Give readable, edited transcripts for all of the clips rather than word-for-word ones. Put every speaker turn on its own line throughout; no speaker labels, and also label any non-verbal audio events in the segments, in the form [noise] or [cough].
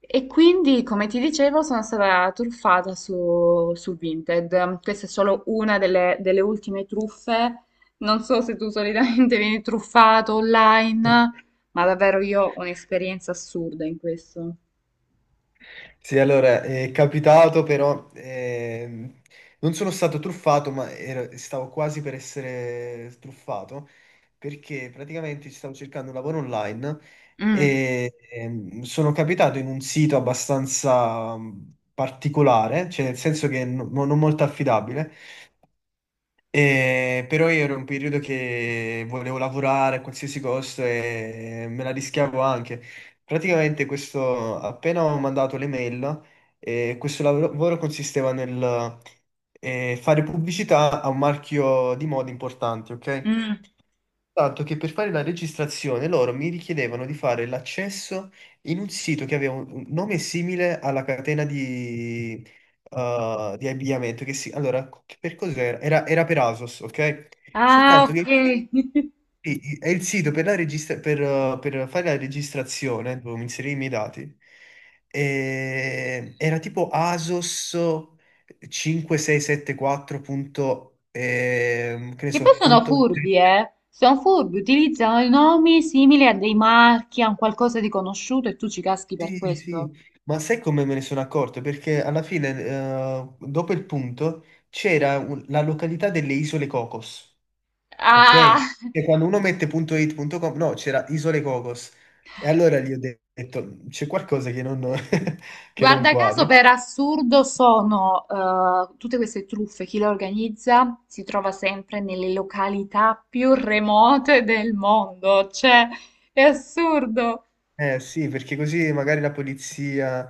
E quindi, come ti dicevo, sono stata truffata su Vinted. Questa è solo una delle ultime truffe. Non so se tu solitamente [laughs] vieni truffato
Eh,
online, ma davvero io ho un'esperienza assurda in questo.
Sì, allora, è capitato però, non sono stato truffato, ma stavo quasi per essere truffato, perché praticamente stavo cercando un lavoro online
Mm,
e sono capitato in un sito abbastanza particolare, cioè nel senso che non molto affidabile, però io ero in un periodo che volevo lavorare a qualsiasi costo e me la rischiavo anche. Praticamente questo, appena ho mandato l'email, questo lavoro consisteva nel fare pubblicità a un marchio di moda importante, ok?
mm.
Tanto che per fare la registrazione loro mi richiedevano di fare l'accesso in un sito che aveva un nome simile alla catena di abbigliamento. Che si, allora, per cos'era? Era per ASOS, ok?
Ah,
Soltanto
ok.
che
[laughs]
è il sito per fare la registrazione, dovevo inserire i miei dati. E era tipo ASOS 5674 punto, che ne
Che poi
so,
sono
punto.
furbi, eh? Sono furbi, utilizzano i nomi simili a dei marchi, a un qualcosa di conosciuto e tu ci caschi per
Sì, sì,
questo.
ma sai come me ne sono accorto? Perché alla fine, dopo il punto, c'era la località delle Isole Cocos, ok?
Ah!
E quando uno mette punto .it, punto .com, no, c'era Isole Cocos. E allora gli ho detto, c'è qualcosa che non, [laughs] che non
Guarda caso,
quadri.
per assurdo sono tutte queste truffe, chi le organizza si trova sempre nelle località più remote del mondo, cioè è assurdo.
Eh sì, perché così magari la polizia,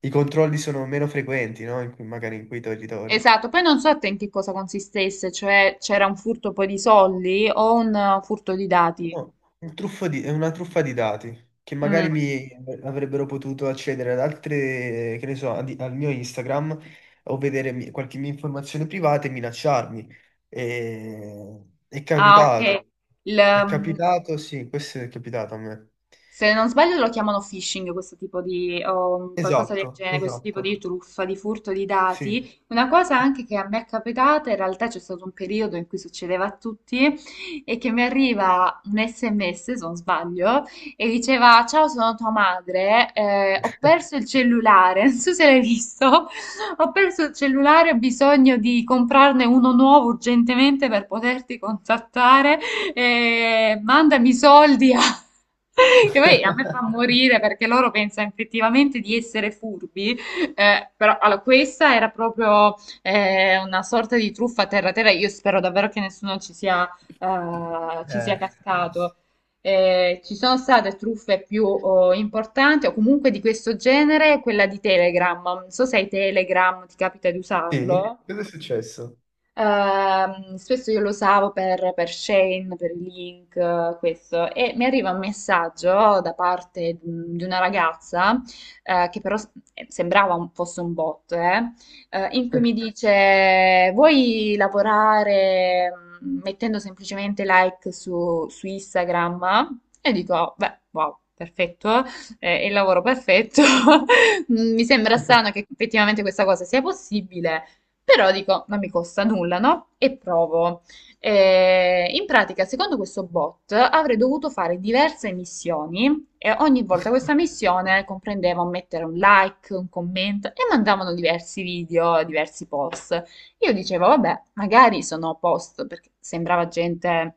i controlli sono meno frequenti, no? Magari in quei territori.
Esatto, poi non so a te in che cosa consistesse, cioè c'era un furto poi di soldi o un furto di dati.
No, un è una truffa di dati che magari
Mm.
mi avrebbero potuto accedere ad altre, che ne so, al mio Instagram o vedere qualche mia informazione privata e minacciarmi. E- È
Ah, ok.
capitato,
Il,
è
mm,
capitato, sì, questo è capitato a me.
Se non sbaglio lo chiamano phishing, questo tipo di, o qualcosa del
Esatto,
genere, questo tipo
esatto,
di truffa, di furto di
sì.
dati. Una cosa anche che a me è capitata, in realtà c'è stato un periodo in cui succedeva a tutti, è che mi arriva un SMS, se non sbaglio, e diceva, ciao, sono tua madre, ho perso il cellulare, [laughs] non so se l'hai visto, ho perso il cellulare, ho bisogno di comprarne uno nuovo urgentemente per poterti contattare, mandami i soldi a... Che poi a me fa
[laughs]
morire perché loro pensano effettivamente di essere furbi, però allora, questa era proprio una sorta di truffa terra-terra. Io spero davvero che nessuno ci sia
Eh,
cascato. Ci sono state truffe più importanti o comunque di questo genere, quella di Telegram. Non so se hai Telegram, ti capita di
sì,
usarlo?
cosa è successo?
Spesso io lo usavo per Shane, per i link, questo, e mi arriva un messaggio da parte di una ragazza, sembrava fosse un bot, in cui mi dice: Vuoi lavorare mettendo semplicemente like su Instagram? E dico: "Oh, beh, wow. Perfetto, è il lavoro perfetto." [laughs] Mi sembra strano
[laughs]
che effettivamente questa cosa sia possibile, però dico, non mi costa nulla, no? E provo. In pratica, secondo questo bot, avrei dovuto fare diverse missioni e ogni volta questa missione comprendeva un mettere un like, un commento e mandavano diversi video, diversi post. Io dicevo, vabbè, magari sono a posto, perché sembrava gente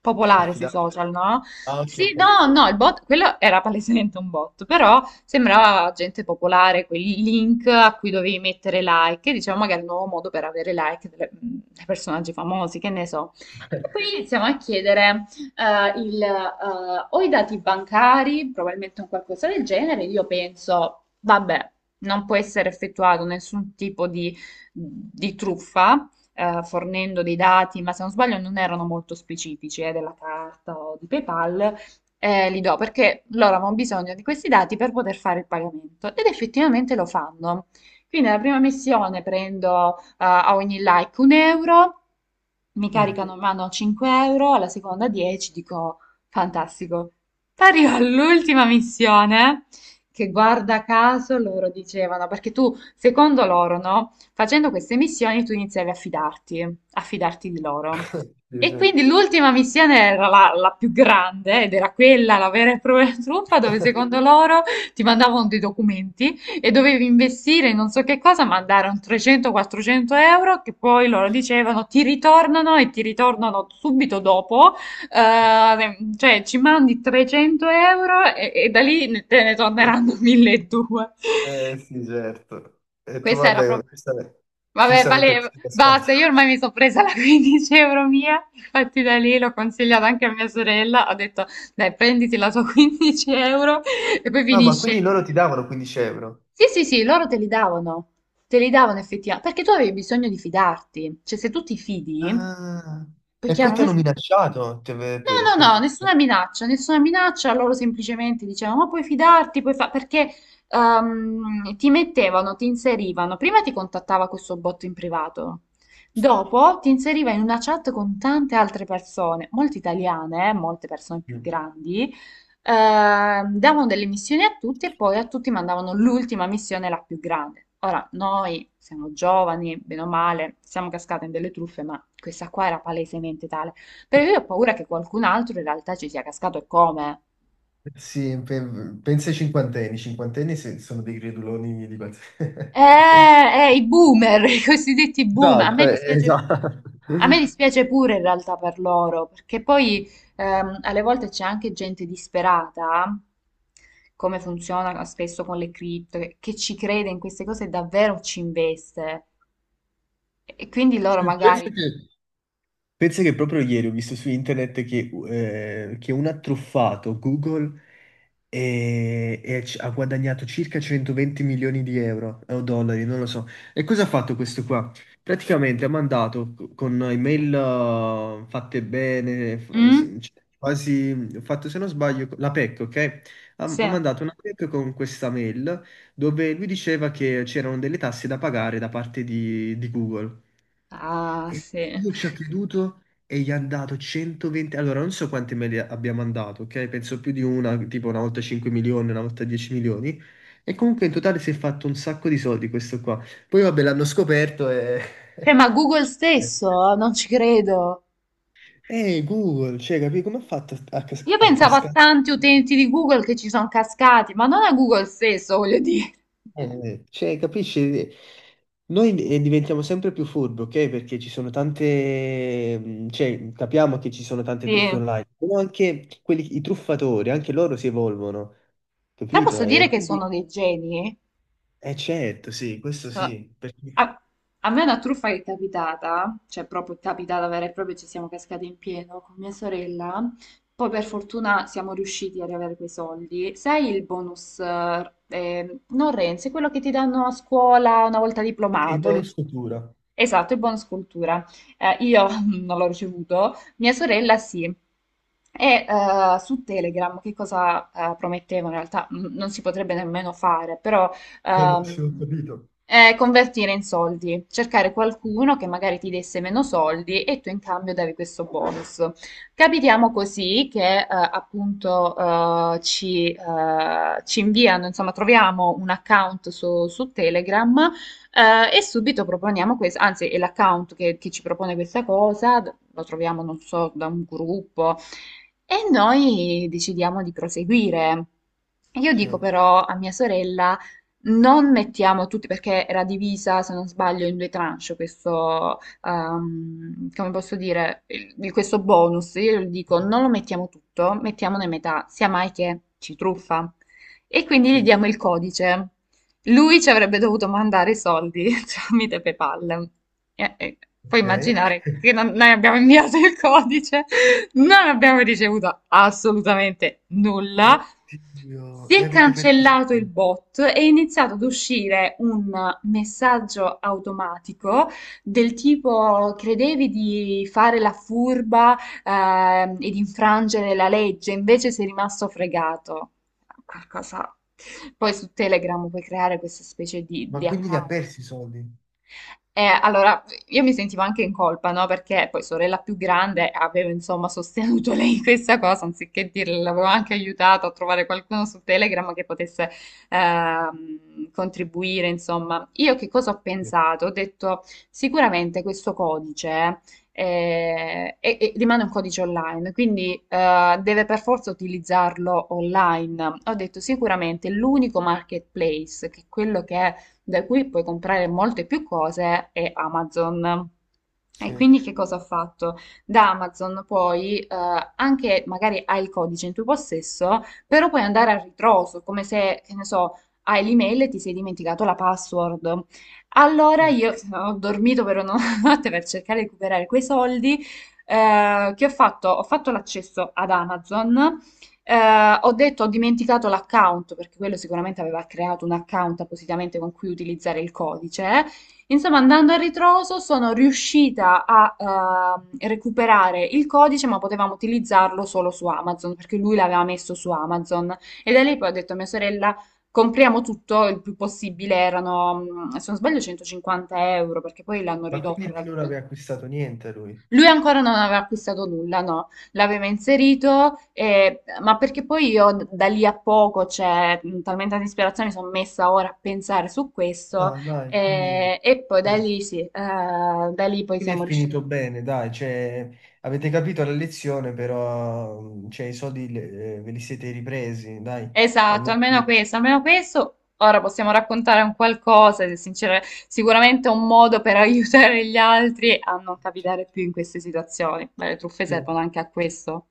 popolare sui
Affidato.
social, no?
Ah, ok,
Sì,
ok.
no, no, il bot, quello era palesemente un bot, però sembrava gente popolare, quei link a cui dovevi mettere like, e dicevo, magari un nuovo modo per avere like dei personaggi famosi, che ne so. E poi iniziamo a chiedere o i dati bancari, probabilmente un qualcosa del genere, io penso, vabbè, non può essere effettuato nessun tipo di truffa, fornendo dei dati, ma se non sbaglio non erano molto specifici, della carta o di PayPal, li do perché loro avevano bisogno di questi dati per poter fare il pagamento ed effettivamente lo fanno. Quindi nella prima missione prendo a ogni like un euro, mi
Mm.
caricano in mano 5 euro, alla seconda 10, dico fantastico. Arrivo all'ultima missione che guarda caso loro dicevano, perché tu, secondo loro, no? Facendo queste missioni tu iniziavi a fidarti di loro.
Sì,
E
sì.
quindi l'ultima missione era la più grande ed era quella, la vera e propria truffa, dove secondo loro ti mandavano dei documenti e dovevi investire in non so che cosa, mandare un 300-400 euro che poi loro dicevano ti ritornano e ti ritornano subito dopo cioè, ci mandi 300 euro e da te ne torneranno [laughs] 1200.
Eh sì, certo. E tu,
Questa era
vabbè,
proprio...
giustamente,
Vabbè,
giustamente ti
vale,
sei cascato.
basta, io ormai mi sono presa la 15 euro mia, infatti da lì l'ho consigliata anche a mia sorella, ho detto, dai, prenditi la tua [laughs] 15 euro e poi
Ah, ma
finisce
quindi
lì.
loro ti davano 15 euro?
Sì, sì, sì, loro te li davano effettivamente, perché tu avevi bisogno di fidarti, cioè se tu ti fidi,
Ah,
poi
e poi
chiaro,
ti
noi-
hanno minacciato? Ti ave-
No, no, no,
per-
nessuna minaccia, loro semplicemente dicevano, ma puoi fidarti, puoi fare, perché ti mettevano, ti inserivano, prima ti contattava questo botto in privato, dopo ti inseriva in una chat con tante altre persone, molte italiane, molte persone più
Mm.
grandi, davano delle missioni a tutti e poi a tutti mandavano l'ultima missione, la più grande. Ora, noi siamo giovani, bene o male, siamo cascate in delle truffe, ma questa qua era palesemente tale. Perché io ho paura che qualcun altro in realtà ci sia cascato e come.
Sì, pensa ai cinquantenni. I cinquantenni sono dei creduloni di qualsiasi.
Eh,
[laughs]
I boomer, [laughs] i cosiddetti boomer.
Esatto, esatto.
A me
[laughs]
dispiace pure in realtà per loro, perché poi alle volte c'è anche gente disperata, come funziona spesso con le cripto, che ci crede in queste cose e davvero ci investe. E quindi loro
Sì, Penso
magari...
che pensa che proprio ieri ho visto su internet che un ha truffato Google e ha guadagnato circa 120 milioni di euro o dollari, non lo so. E cosa ha fatto questo qua? Praticamente ha mandato con email fatte bene,
Mm?
cioè, quasi ho fatto se non sbaglio la PEC, ok? Ha
Sì.
mandato una PEC con questa mail dove lui diceva che c'erano delle tasse da pagare da parte di Google.
Ah,
E
sì.
io ci ho creduto e gli ha dato 120. Allora, non so quante mail abbia mandato, ok? Penso più di una, tipo una volta 5 milioni, una volta 10 milioni. E comunque in totale si è fatto un sacco di soldi questo qua. Poi vabbè, l'hanno scoperto e.
Cioè, ma
[laughs]
Google stesso, non ci credo.
Google, cioè, capi come ha fatto a, cas-
Io
a
pensavo a
cascare?
tanti utenti di Google che ci sono cascati, ma non a Google stesso, voglio dire.
Cioè, capisci? Noi diventiamo sempre più furbi, ok? Perché ci sono tante, cioè, capiamo che ci sono tante truffe
Sì.
online, però anche quelli, i truffatori, anche loro si evolvono,
Però
capito?
posso dire
E
che
quindi.
sono dei geni, eh?
Eh, certo, sì, questo
So-
sì, perché.
a, a me una truffa che è capitata, cioè proprio capitata vera e propria, ci siamo cascati in pieno con mia sorella. Poi per fortuna siamo riusciti ad avere quei soldi. Sai il bonus, non Renzi, quello che ti danno a scuola una volta
Sì,
diplomato, eh,
bonus
cioè
cultura.
Esatto, il bonus cultura. Io [laughs] non l'ho ricevuto, mia sorella sì. Su Telegram che cosa promettevano? In realtà non si potrebbe nemmeno fare, però
Allora, sì, ho
ehm,
capito.
convertire in soldi, cercare qualcuno che magari ti desse meno soldi e tu in cambio davi questo bonus. Capitiamo così che ci inviano, insomma, troviamo un account su Telegram e subito proponiamo questo, anzi è l'account che ci propone questa cosa, lo troviamo, non so, da un gruppo e noi decidiamo di proseguire. Io
Sì,
dico però a mia sorella, non mettiamo tutti, perché era divisa, se non sbaglio, in due tranche questo, come posso dire, questo bonus. Io le dico, non lo mettiamo tutto, mettiamone metà, sia mai che ci truffa. E quindi gli
sì.
diamo il codice. Lui ci avrebbe dovuto mandare i soldi [laughs] tramite PayPal. E puoi
Ok.
immaginare che noi abbiamo inviato il codice, non abbiamo ricevuto assolutamente nulla.
Oddio,
Si
e
è
avete perso i
cancellato il
soldi?
bot e è iniziato ad uscire un messaggio automatico del tipo: credevi di fare la furba, e di infrangere la legge, invece sei rimasto fregato qualcosa... Poi su Telegram puoi creare questa specie di,
Ma
di
quindi li ha
account
persi i soldi?
allora, io mi sentivo anche in colpa, no? Perché poi sorella più grande avevo insomma sostenuto [laughs] lei in questa cosa, anziché dirle, l'avevo anche aiutato a trovare qualcuno su Telegram che potesse contribuire, insomma. Io che cosa ho
Sì.
pensato? Ho detto, sicuramente questo codice rimane un codice online, quindi deve per forza utilizzarlo online. Ho detto, sicuramente l'unico marketplace, che è quello che da cui puoi comprare molte più cose, è Amazon. E
Sì.
quindi che cosa ho fatto? Da Amazon poi, anche magari hai il codice in tuo possesso, però puoi andare a ritroso, come se, che ne so, hai l'email e ti sei dimenticato la password. Allora io [laughs] ho dormito per una [laughs] notte per cercare di recuperare quei soldi, che ho fatto? Ho fatto l'accesso ad Amazon, ho detto ho dimenticato l'account, perché quello sicuramente aveva creato un account appositamente con cui utilizzare il codice. Insomma, andando a ritroso sono riuscita a recuperare il codice, ma potevamo utilizzarlo solo su Amazon, perché lui l'aveva messo su Amazon. E da lì poi ho detto a mia sorella, compriamo tutto il più possibile, erano, mm, se non sbaglio, 150 euro, perché poi l'hanno
Ma
ridotto
quindi
in
lui
realtà.
non aveva acquistato niente, lui?
Lui ancora non aveva acquistato nulla, no, l'aveva inserito, ma perché poi io da lì a poco, cioè, talmente tanta ispirazione, mi sono messa ora a pensare su questo
Ah, dai, quindi,
e poi da
sì.
lì sì, da lì poi
Quindi
siamo
è
riusciti.
finito bene, dai, cioè, avete capito la lezione, però cioè, i soldi ve li siete ripresi, dai,
Esatto,
almeno.
almeno questo, almeno questo. Ora possiamo raccontare un qualcosa, se sincero- sicuramente un modo per [laughs] aiutare gli altri a non capitare più in queste situazioni. Beh, le truffe
Sì.
servono anche a questo.